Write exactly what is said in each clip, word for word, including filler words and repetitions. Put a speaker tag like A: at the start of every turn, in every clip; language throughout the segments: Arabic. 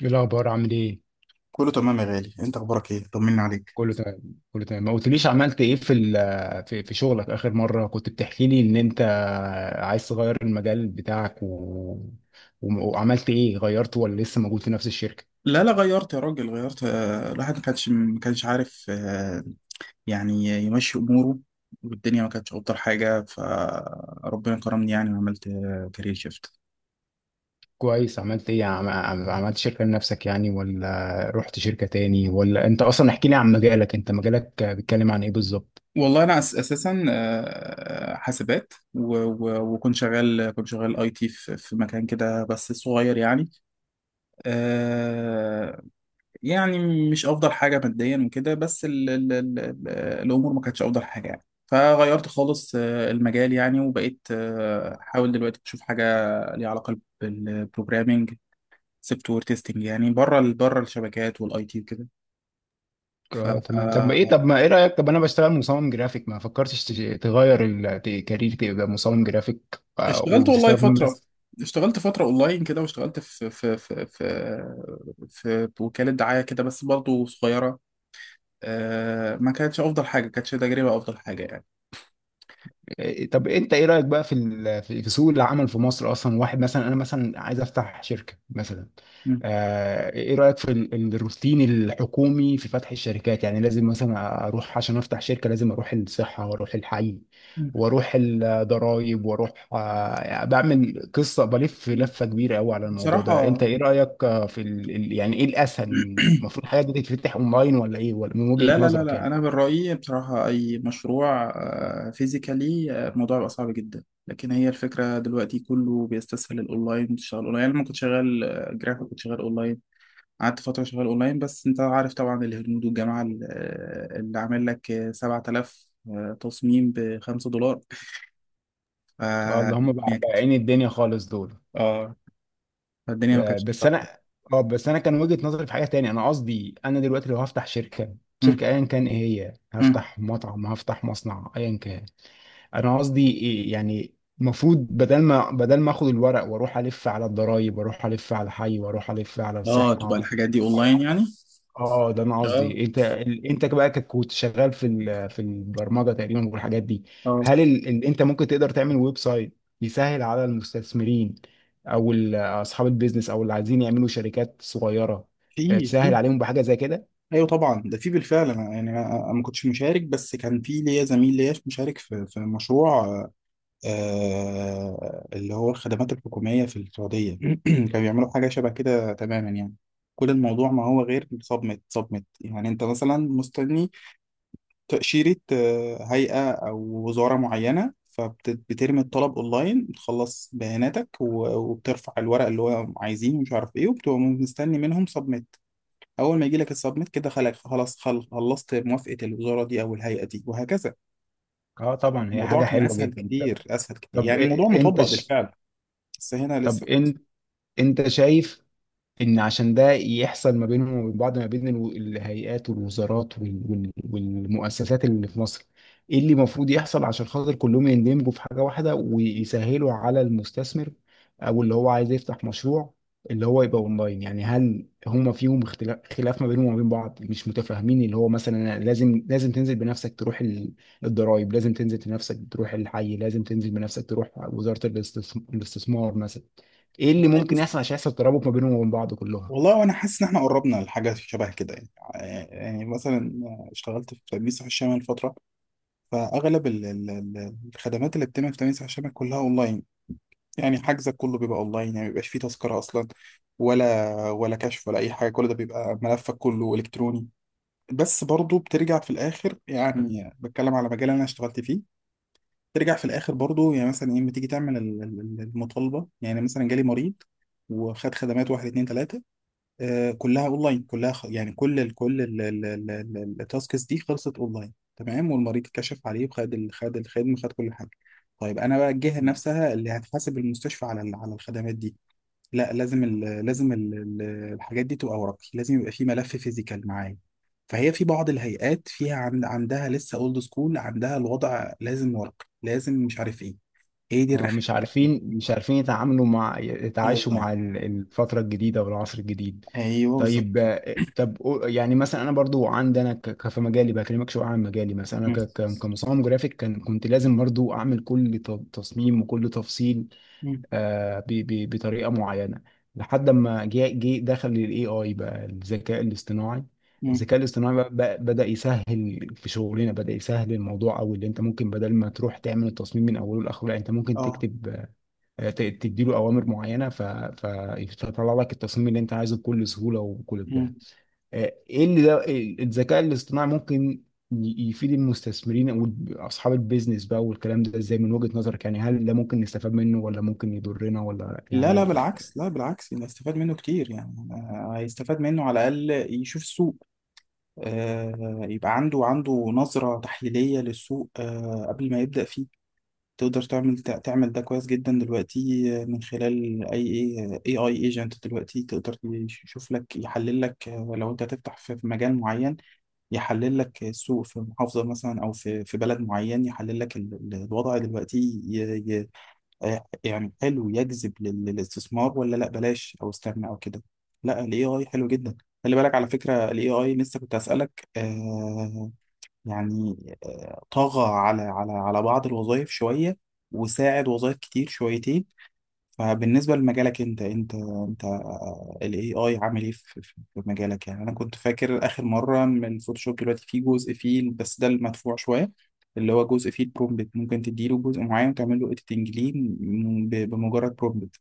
A: ايه الاخبار عامل ايه؟
B: كله تمام يا غالي، انت اخبارك ايه؟ طمني عليك.
A: كله تمام كله تمام ما قلتليش عملت ايه في ال- في في شغلك؟ اخر مره كنت بتحكي لي ان انت عايز تغير المجال بتاعك و... و- وعملت ايه، غيرته ولا لسه موجود في نفس الشركه؟
B: لا، لا، غيرت يا راجل، غيرت، آه، الواحد ما كانش ما كانش عارف، آه، يعني يمشي اموره. والدنيا ما كانتش افضل حاجه، فربنا كرمني يعني، وعملت آه، كارير شيفت.
A: كويس. عملت ايه، عم... عم- عملت شركه لنفسك يعني، ولا رحت شركه تاني؟ ولا انت اصلا احكي لي عن مجالك، انت مجالك بيتكلم عن ايه بالظبط؟
B: والله انا أس- اساسا آه، حاسبات، و- و- وكنت شغال، كنت شغال اي تي في في مكان كده بس صغير يعني. آه، يعني مش افضل حاجه ماديا وكده، بس ال ال ال ال الامور ما كانتش افضل حاجه يعني، فغيرت خالص آه، المجال يعني، وبقيت آه، احاول دلوقتي اشوف حاجه ليها علاقه بالبروجرامينج، سوفت وير تيستنج، يعني بره ال- بره الشبكات والاي تي وكده.
A: اه تمام. طب ايه،
B: فاشتغلت.
A: طب ما ايه رايك، طب انا بشتغل مصمم جرافيك، ما فكرتش تش- تغير الكارير تبقى مصمم جرافيك آه،
B: والله
A: وتستخدم
B: فتره
A: بس؟
B: اشتغلت فتره اونلاين كده، واشتغلت في في في في في وكاله دعايه كده بس برضه صغيره. آه، ما كانتش افضل حاجه، كانتش تجربه افضل حاجه يعني.
A: إيه، طب انت ايه رايك بقى في ال- في في سوق العمل في مصر اصلا؟ واحد مثلا، انا مثلا عايز افتح شركه مثلا،
B: م.
A: آه، ايه رايك في ال- ال- الروتين الحكومي في فتح الشركات؟ يعني لازم مثلا اروح عشان افتح شركه، لازم اروح الصحه واروح الحي واروح الضرايب واروح، آه، يعني بعمل قصه، بلف
B: م.
A: لفه كبيره قوي على الموضوع ده. انت
B: بصراحة.
A: ايه رايك آه، في ال... ال- يعني ايه الاسهل؟ المفروض الحاجات دي تتفتح اونلاين ولا ايه، ولا من وجهه
B: لا، لا، لا،
A: نظرك
B: لا،
A: يعني؟
B: أنا من رأيي بصراحة أي مشروع فيزيكالي الموضوع بيبقى صعب جدا، لكن هي الفكرة دلوقتي كله بيستسهل الأونلاين، تشتغل أونلاين. أنا لما كنت شغال آه، جرافيك كنت شغال أونلاين، قعدت فترة شغال أونلاين. بس أنت عارف طبعا الهنود والجماعة ال- آه، اللي عامل لك آه، سبعة آلاف آه، تصميم ب خمسة دولار.
A: آه، اللي هم
B: فالدنيا
A: بقى بقى
B: كانت
A: عين الدنيا خالص دول.
B: اه فالدنيا ما
A: آه،
B: كانتش
A: بس
B: بتاعتك.
A: انا، اه بس انا كان وجهة نظري في حاجة تانية. انا قصدي، انا دلوقتي لو هفتح شركة شركة ايا كان، ايه هي، هفتح مطعم، هفتح مصنع، ايا كان. انا قصدي إيه يعني، المفروض بدل ما بدل ما اخد الورق واروح الف على الضرايب واروح الف على حي واروح الف على
B: اه، تبقى
A: الصحة.
B: الحاجات دي أونلاين يعني.
A: اه اه، ده انا
B: اه،
A: قصدي. انت ال- انت بقى، كك- كنت شغال في ال- في البرمجه تقريبا والحاجات دي،
B: اه،
A: هل ال... ال... انت ممكن تقدر تعمل ويب سايت يسهل على المستثمرين او ال- اصحاب البيزنس او اللي عايزين يعملوا شركات صغيره، آه،
B: في
A: تسهل
B: في
A: عليهم بحاجه زي كده؟
B: ايوه طبعا ده في بالفعل. انا يعني انا أنا ما كنتش مشارك، بس كان في ليا زميل ليا مشارك في في مشروع، آه اللي هو الخدمات الحكوميه في السعوديه. كانوا بيعملوا حاجه شبه كده تماما يعني. كل الموضوع ما هو غير صدمة صدمة، يعني انت مثلا مستني تأشيرة آه، هيئة او وزارة معينة، فبترمي الطلب اونلاين، بتخلص بياناتك و- وبترفع الورق اللي هو عايزينه ومش عارف ايه، وبتبقى مستني منهم صدمة. اول ما يجي لك السبميت كده، خلق خلاص، خل- خلصت موافقه الوزاره دي او الهيئه دي وهكذا.
A: اه طبعا، هي
B: الموضوع
A: حاجه
B: كان
A: حلوه
B: اسهل
A: جدا. طب،
B: كتير اسهل كتير
A: طب
B: يعني، الموضوع
A: إيه- انت
B: مطبق
A: ش...
B: بالفعل، بس هنا
A: طب
B: لسه.
A: انت انت شايف ان عشان ده يحصل ما بينهم وبين بعض، ما بين الو- الهيئات والوزارات وال- وال- والمؤسسات اللي في مصر، ايه اللي المفروض يحصل عشان خاطر كلهم يندمجوا في حاجة واحدة ويسهلوا على المستثمر او اللي هو عايز يفتح مشروع، اللي هو يبقى اونلاين يعني؟ هل هما فيهم اختلاف، خلاف ما بينهم وما بين بعض، مش متفاهمين؟ اللي هو مثلا أنا لازم لازم تنزل بنفسك تروح ال- الضرايب، لازم تنزل بنفسك تروح الحي، لازم تنزل بنفسك تروح وزارة الاستثم- الاستثمار مثلا. ايه اللي
B: والله
A: ممكن
B: بص،
A: يحصل عشان يحصل ترابط ما بينهم وبين بعض كلهم؟
B: والله وانا حاسس ان احنا قربنا لحاجه شبه كده يعني. آه، يعني مثلا اشتغلت في تأمين صحي الشمال فتره، فاغلب ال- ال- ال- الخدمات اللي بتتم في تأمين صحي الشمال كلها اونلاين، يعني حجزك كله بيبقى اونلاين، يعني ما بيبقاش فيه تذكره اصلا ولا ولا كشف ولا اي حاجه، كل ده بيبقى ملفك كله الكتروني. بس برضو بترجع في الاخر يعني، بتكلم على مجال انا اشتغلت فيه، ترجع في الاخر برضو يعني. مثلا ايه، بتيجي تعمل ال- ال- المطالبه، يعني مثلا جالي مريض وخد خدمات واحد اتنين تلاته، آه كلها اونلاين، كلها، خ- يعني كل ال كل ال- ال- ال- ال- التاسكس دي خلصت اونلاين تمام، والمريض اتكشف عليه وخد ال- خد الخدمه، خد كل حاجه. طيب انا بقى الجهه نفسها اللي هتحاسب المستشفى على ال- على الخدمات دي، لا لازم ال لازم ال ال- الحاجات دي تبقى ورقي، لازم يبقى في ملف فيزيكال معايا. فهي في بعض الهيئات فيها عند عندها لسه اولد سكول، عندها الوضع لازم ورقي، لازم مش عارف ايه. هي دي
A: هو
B: الرخامه،
A: مش
B: لا.
A: عارفين مش عارفين يتعاملوا مع، يتعايشوا
B: الاونلاين،
A: مع ال- الفترة الجديدة والعصر الجديد.
B: ايوه بالظبط.
A: طيب، آه، طب قو- يعني مثلا انا برضو عندي، انا ك- ك- في مجالي بكلمك شويه عن مجالي، مثلا انا
B: مم.
A: ك- ك- كمصمم جرافيك كان كنت لازم برضو اعمل كل ت- تصميم وكل تفصيل
B: مم.
A: آه، ب- ب- بطريقه معينه، لحد ما جه جه دخل الاي اي بقى، الذكاء الاصطناعي.
B: مم.
A: الذكاء الاصطناعي بقى بقى- بدأ يسهل في شغلنا، بدأ يسهل الموضوع أوي. اللي أنت ممكن بدل ما تروح تعمل التصميم من أوله لآخره، لا، أنت ممكن
B: اه.
A: تكتب، آه، ت- تديله اوامر معينه ف... فيطلع لك التصميم اللي انت عايزه بكل سهوله وبكل بتاع.
B: مم.
A: آه، ايه اللي، ده إيه- الذكاء الاصطناعي ممكن ي- يفيد المستثمرين او اصحاب البيزنس بقى والكلام ده ازاي من وجهة نظرك يعني؟ هل ده ممكن نستفاد منه، ولا ممكن يضرنا، ولا
B: لا، لا
A: يعني؟
B: بالعكس، لا بالعكس، يبقى استفاد منه كتير يعني. آه، هيستفاد منه على الأقل يشوف السوق، آه، يبقى عنده عنده نظرة تحليلية للسوق، آه، قبل ما يبدأ فيه. تقدر تعمل، تع- تعمل ده كويس جدا دلوقتي، آه، من خلال اي اي اي ايجنت دلوقتي. تقدر يشوف لك، يحلل لك، آه، لو انت هتفتح في في مجال معين يحلل لك السوق في محافظة مثلا او في في بلد معين، يحلل لك ال- ال- الوضع دلوقتي، ي- ي- آه، يعني حلو يجذب لل- للاستثمار ولا لا بلاش او استنى او كده. لا، الاي اي حلو جدا. خلي بالك على فكرة، الاي اي لسه كنت هسألك. آه يعني، آه، طغى على على على بعض الوظائف شوية، وساعد وظائف كتير شويتين. فبالنسبة لمجالك انت انت انت آه، ال إيه آي عامل ايه في في- في مجالك؟ يعني انا كنت فاكر اخر مرة ان الفوتوشوب دلوقتي فيه جزء فيه، بس ده المدفوع شوية، اللي هو جزء فيه البرومبت ممكن تديله جزء معين وتعمل له اديتنج ليه م- ب- بمجرد برومبت.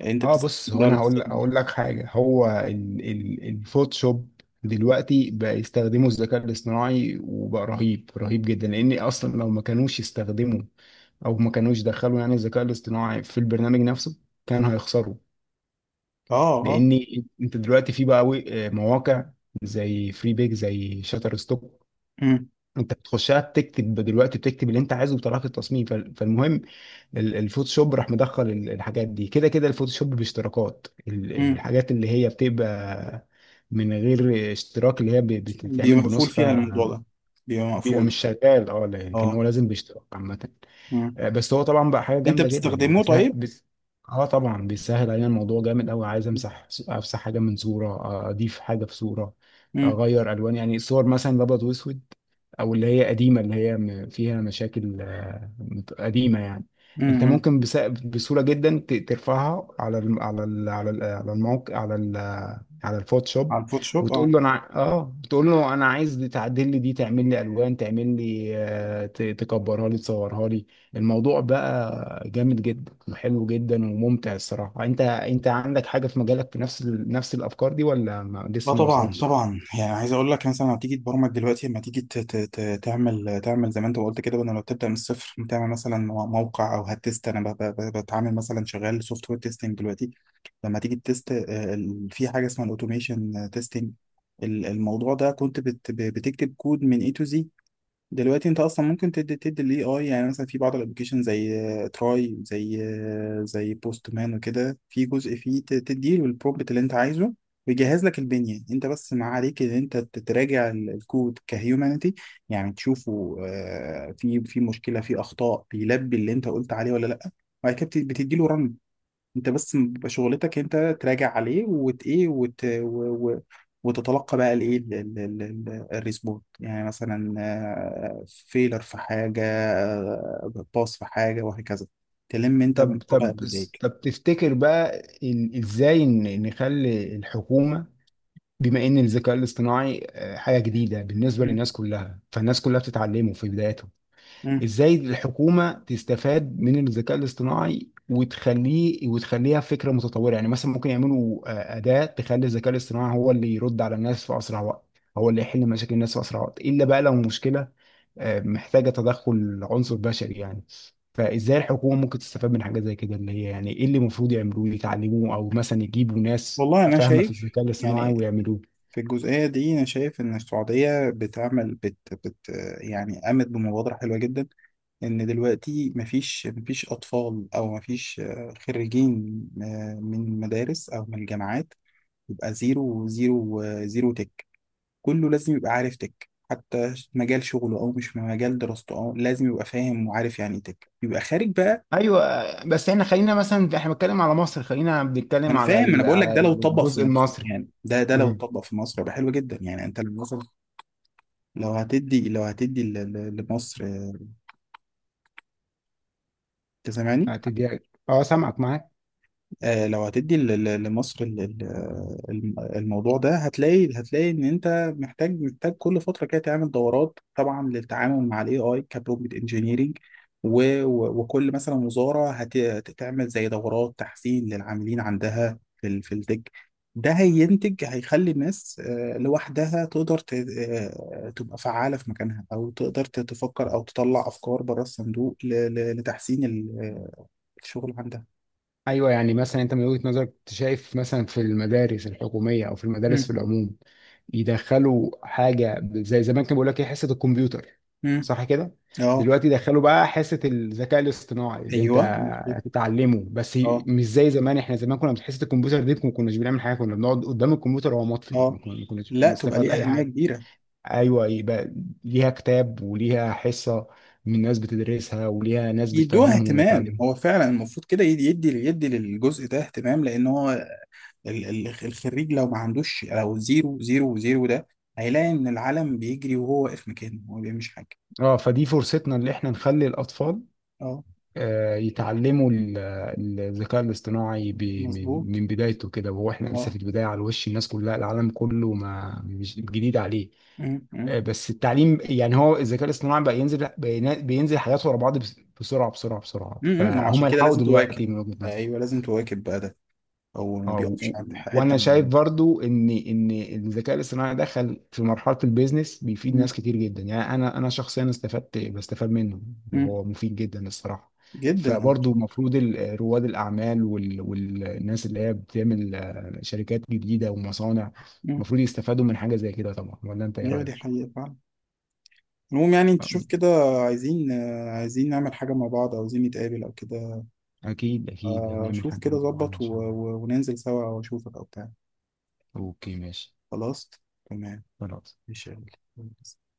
B: انت
A: اه
B: بتستخدم
A: بص، هو
B: ده
A: انا
B: ولا
A: هقول
B: بتستخدم ده؟
A: هقول لك حاجه، هو ال- ال- الفوتوشوب دلوقتي بقى يستخدموا الذكاء الاصطناعي، وبقى رهيب رهيب جدا، لان اصلا لو ما كانوش يستخدموا او ما كانوش دخلوا يعني الذكاء الاصطناعي في البرنامج نفسه كان هيخسروا.
B: اه. اه.
A: لان انت دلوقتي في بقى و- آه، مواقع زي فري بيك، زي شاتر ستوك،
B: امم.
A: انت بتخشها تكتب دلوقتي، بتكتب اللي انت عايزه بطريقه التصميم. فال- فالمهم ال- الفوتوشوب راح مدخل ال- الحاجات دي كده كده. الفوتوشوب باشتراكات، ال-
B: امم.
A: الحاجات اللي هي بتبقى من غير اشتراك اللي هي ب- بتتعمل
B: بيبقى مقفول فيها
A: بنسخه
B: الموضوع ده، بيبقى
A: بيبقى
B: مقفول.
A: مش شغال، اه، لكن
B: اه.
A: هو لازم باشتراك عامه. آه، بس هو طبعا بقى حاجه
B: انت
A: جامده جدا يعني،
B: بتستخدمه
A: بيسهل
B: طيب؟
A: بس. اه طبعا بيسهل علينا الموضوع، جامد قوي. عايز امسح، افسح حاجه من صوره، آه، اضيف حاجه في صوره،
B: امم.
A: اغير الوان، يعني الصور مثلا الابيض واسود او اللي هي قديمه، اللي هي م- فيها مشاكل، آه، مت- قديمه يعني. انت
B: امم.
A: ممكن بس- بسهوله جدا ت- ترفعها على الم- على ال- على ال- على الموقع، على ال- على الفوتوشوب،
B: على الفوتوشوب.
A: وتقول
B: اه.
A: له انا ع- اه بتقول له انا عايز دي- تعدل لي دي، تعمل لي الوان، تعمل لي، آه، ت- تكبرها لي، تصورها لي. الموضوع بقى جامد جدا، وحلو جدا، وممتع الصراحة. انت، انت عندك حاجة في مجالك في نفس ال... نفس الافكار دي، ولا ما...
B: اه،
A: لسه ما
B: طبعا
A: وصلتش؟
B: طبعا. يعني عايز اقول لك، مثلا هتيجي تبرمج دلوقتي، لما تيجي ت- ت- ت- تعمل تعمل زي ما انت قلت كده، بدل ما تبدا من الصفر تعمل مثلا مو- موقع، او هتست. انا ب- ب- ب- بتعامل مثلا، شغال سوفت وير تيستنج دلوقتي، لما تيجي تست، آه، ال- في حاجه اسمها الاوتوميشن تيستنج، الموضوع ده كنت بت- ب- بتكتب كود من A to Z. دلوقتي انت اصلا ممكن تدي تدي الاي اي، يعني مثلا في بعض الابلكيشن زي تراي، زي زي بوست مان وكده، في جزء فيه ت- تديله البرومبت اللي انت عايزه، ويجهز لك البنيه. انت بس ما عليك ان انت تراجع ال- الكود كهيومانيتي، يعني تشوفه، آه، في في مشكله، في اخطاء، بيلبي اللي انت قلت عليه ولا لا، وبعد كده بت- بتديله رن. انت بس بيبقى شغلتك انت تراجع عليه، وت ايه وت و... و... وتتلقى بقى الايه ال- ال- ال- ال- الريسبوت، يعني مثلا فيلر في حاجه، باص في حاجه وهكذا، تلم انت من
A: طب
B: قبل
A: طب
B: النتائج.
A: طب تفتكر بقى ال- ازاي ن- نخلي الحكومة، بما ان الذكاء الاصطناعي آه، حاجة جديدة بالنسبة
B: مم.
A: للناس كلها، فالناس كلها بتتعلمه في بدايته،
B: مم.
A: ازاي الحكومه تستفاد من الذكاء الاصطناعي وتخليه، وتخليها فكره متطوره؟ يعني مثلا ممكن يعملوا آه، اداه تخلي الذكاء الاصطناعي هو اللي يرد على الناس في اسرع وقت، هو اللي يحل مشاكل الناس في اسرع وقت، الا بقى لو مشكله آه، محتاجه تدخل عنصر بشري يعني. فازاي الحكومه ممكن تستفاد من حاجه زي كده؟ اللي هي يعني ايه اللي المفروض يعملوه، يتعلموه، او مثلا يجيبوا ناس
B: والله انا
A: فاهمه في
B: شايف
A: الذكاء الاصطناعي
B: يعني
A: ويعملوه؟
B: في الجزئيه دي، انا شايف ان السعوديه بتعمل، بت بت يعني قامت بمبادره حلوه جدا. ان دلوقتي مفيش، مفيش اطفال او مفيش آه، خريجين آه، من مدارس او من الجامعات يبقى زيرو زيرو، آه، زيرو تك. كله لازم يبقى عارف تك، حتى مجال شغله او مش مجال دراسته، او لازم يبقى فاهم وعارف يعني إيه تك، يبقى خارج بقى.
A: ايوه، آه، بس احنا خلينا مثلا احنا بنتكلم على مصر، خلينا بنتكلم
B: انا
A: على
B: فاهم، انا
A: ال-
B: بقول لك
A: على
B: ده لو اتطبق في
A: الجزء
B: مصر،
A: المصري.
B: يعني ده ده لو
A: امم،
B: اتطبق في مصر يبقى حلو جدا يعني. انت لو مثلا، لو هتدي، لو هتدي ل- ل- لمصر، أنت سامعني؟
A: هتديها، اه سامعك معاك.
B: آه، لو هتدي ل- ل- لمصر ال- ال- الم- الموضوع ده، هتلاقي، هتلاقي ان انت محتاج، محتاج كل فتره كده تعمل دورات طبعا للتعامل مع الاي اي كبرومبت انجينيرنج. وكل مثلا وزاره هت- هتعمل زي دورات تحسين للعاملين عندها في ال- في التك. ده هينتج، هيخلي الناس آه، لوحدها تقدر، ت- آه، تبقى فعالة في مكانها، أو تقدر ت- تفكر، أو تطلع أفكار بره الصندوق ل- ل- لتحسين ال- آه، الشغل عندها.
A: ايوه يعني مثلا انت من وجهة نظرك، انت شايف مثلا في المدارس الحكوميه او في المدارس في العموم يدخلوا حاجه زي زمان، كان بيقول لك ايه، حصه الكمبيوتر،
B: مم.
A: صح كده؟
B: اه،
A: دلوقتي دخلوا بقى حصه الذكاء الاصطناعي اللي انت
B: ايوه مظبوط.
A: هتتعلمه بس،
B: اه.
A: مش زي زمان. احنا زمان كنا في حصه الكمبيوتر دي ما كناش بنعمل حاجه، كنا بنقعد قدام الكمبيوتر وهو مطفي، ما
B: اه،
A: كنا- ما كناش
B: لا، تبقى
A: بنستفاد
B: ليه
A: اي
B: اهميه
A: حاجه.
B: كبيره.
A: ايوه، يبقى ليها كتاب وليها حصه من ناس بتدرسها، وليها ناس
B: يدوها
A: بتفهمهم
B: اهتمام،
A: وتعلمهم.
B: هو فعلا المفروض كده يدي، يدي يدي للجزء ده اهتمام، لان هو ال- ال- الخريج لو ما عندوش، لو زيرو زيرو زيرو ده، هيلاقي ان العالم بيجري وهو واقف مكانه، هو ما بيعملش حاجه.
A: اه، فدي فرصتنا اللي احنا نخلي الاطفال،
B: اه
A: آه، يتعلموا ال- الذكاء الاصطناعي ب- من
B: مظبوط.
A: من بدايته كده، وهو احنا لسه
B: اه.
A: في البدايه، على وش الناس كلها، العالم كله ما مش جديد عليه.
B: أمم،
A: آه،
B: أمم،
A: بس التعليم يعني، هو الذكاء الاصطناعي بقى ينزل بينا- بينزل حياته ورا بعض بس- بسرعه بسرعه بسرعه،
B: أمم. ما هو
A: فهم
B: عشان كده
A: يلحقوا
B: لازم تواكب.
A: دلوقتي من وجهه نظري.
B: ايوه لازم تواكب بقى ده، هو ما
A: اه و-
B: بيقفش
A: و-
B: عند حته
A: وانا شايف
B: معينه.
A: برضو ان ان الذكاء الاصطناعي دخل في مرحله البيزنس، بيفيد
B: أمم،
A: ناس كتير جدا يعني. انا انا شخصيا استفدت، بستفاد منه،
B: أمم.
A: وهو مفيد جدا الصراحه.
B: جدا.
A: فبرضو المفروض ال- رواد الاعمال وال- والناس اللي هي بتعمل آه، شركات جديده ومصانع،
B: أمم.
A: المفروض يستفادوا من حاجه زي كده طبعا. ولا انت ايه
B: ايوه دي
A: رايك؟
B: حقيقه فعلا. المهم يعني انت
A: آه،
B: شوف كده، عايزين آه، عايزين نعمل حاجة مع بعض، أو عايزين نتقابل أو كده.
A: أكيد أكيد
B: آه،
A: هنعمل
B: شوف
A: حاجة
B: كده
A: مع بعض
B: ظبط،
A: إن
B: و-
A: شاء الله.
B: و- وننزل سوا أو أشوفك أو بتاع.
A: أوكي ماشي.
B: خلاص. تمام.
A: خلاص.
B: إن شاء الله.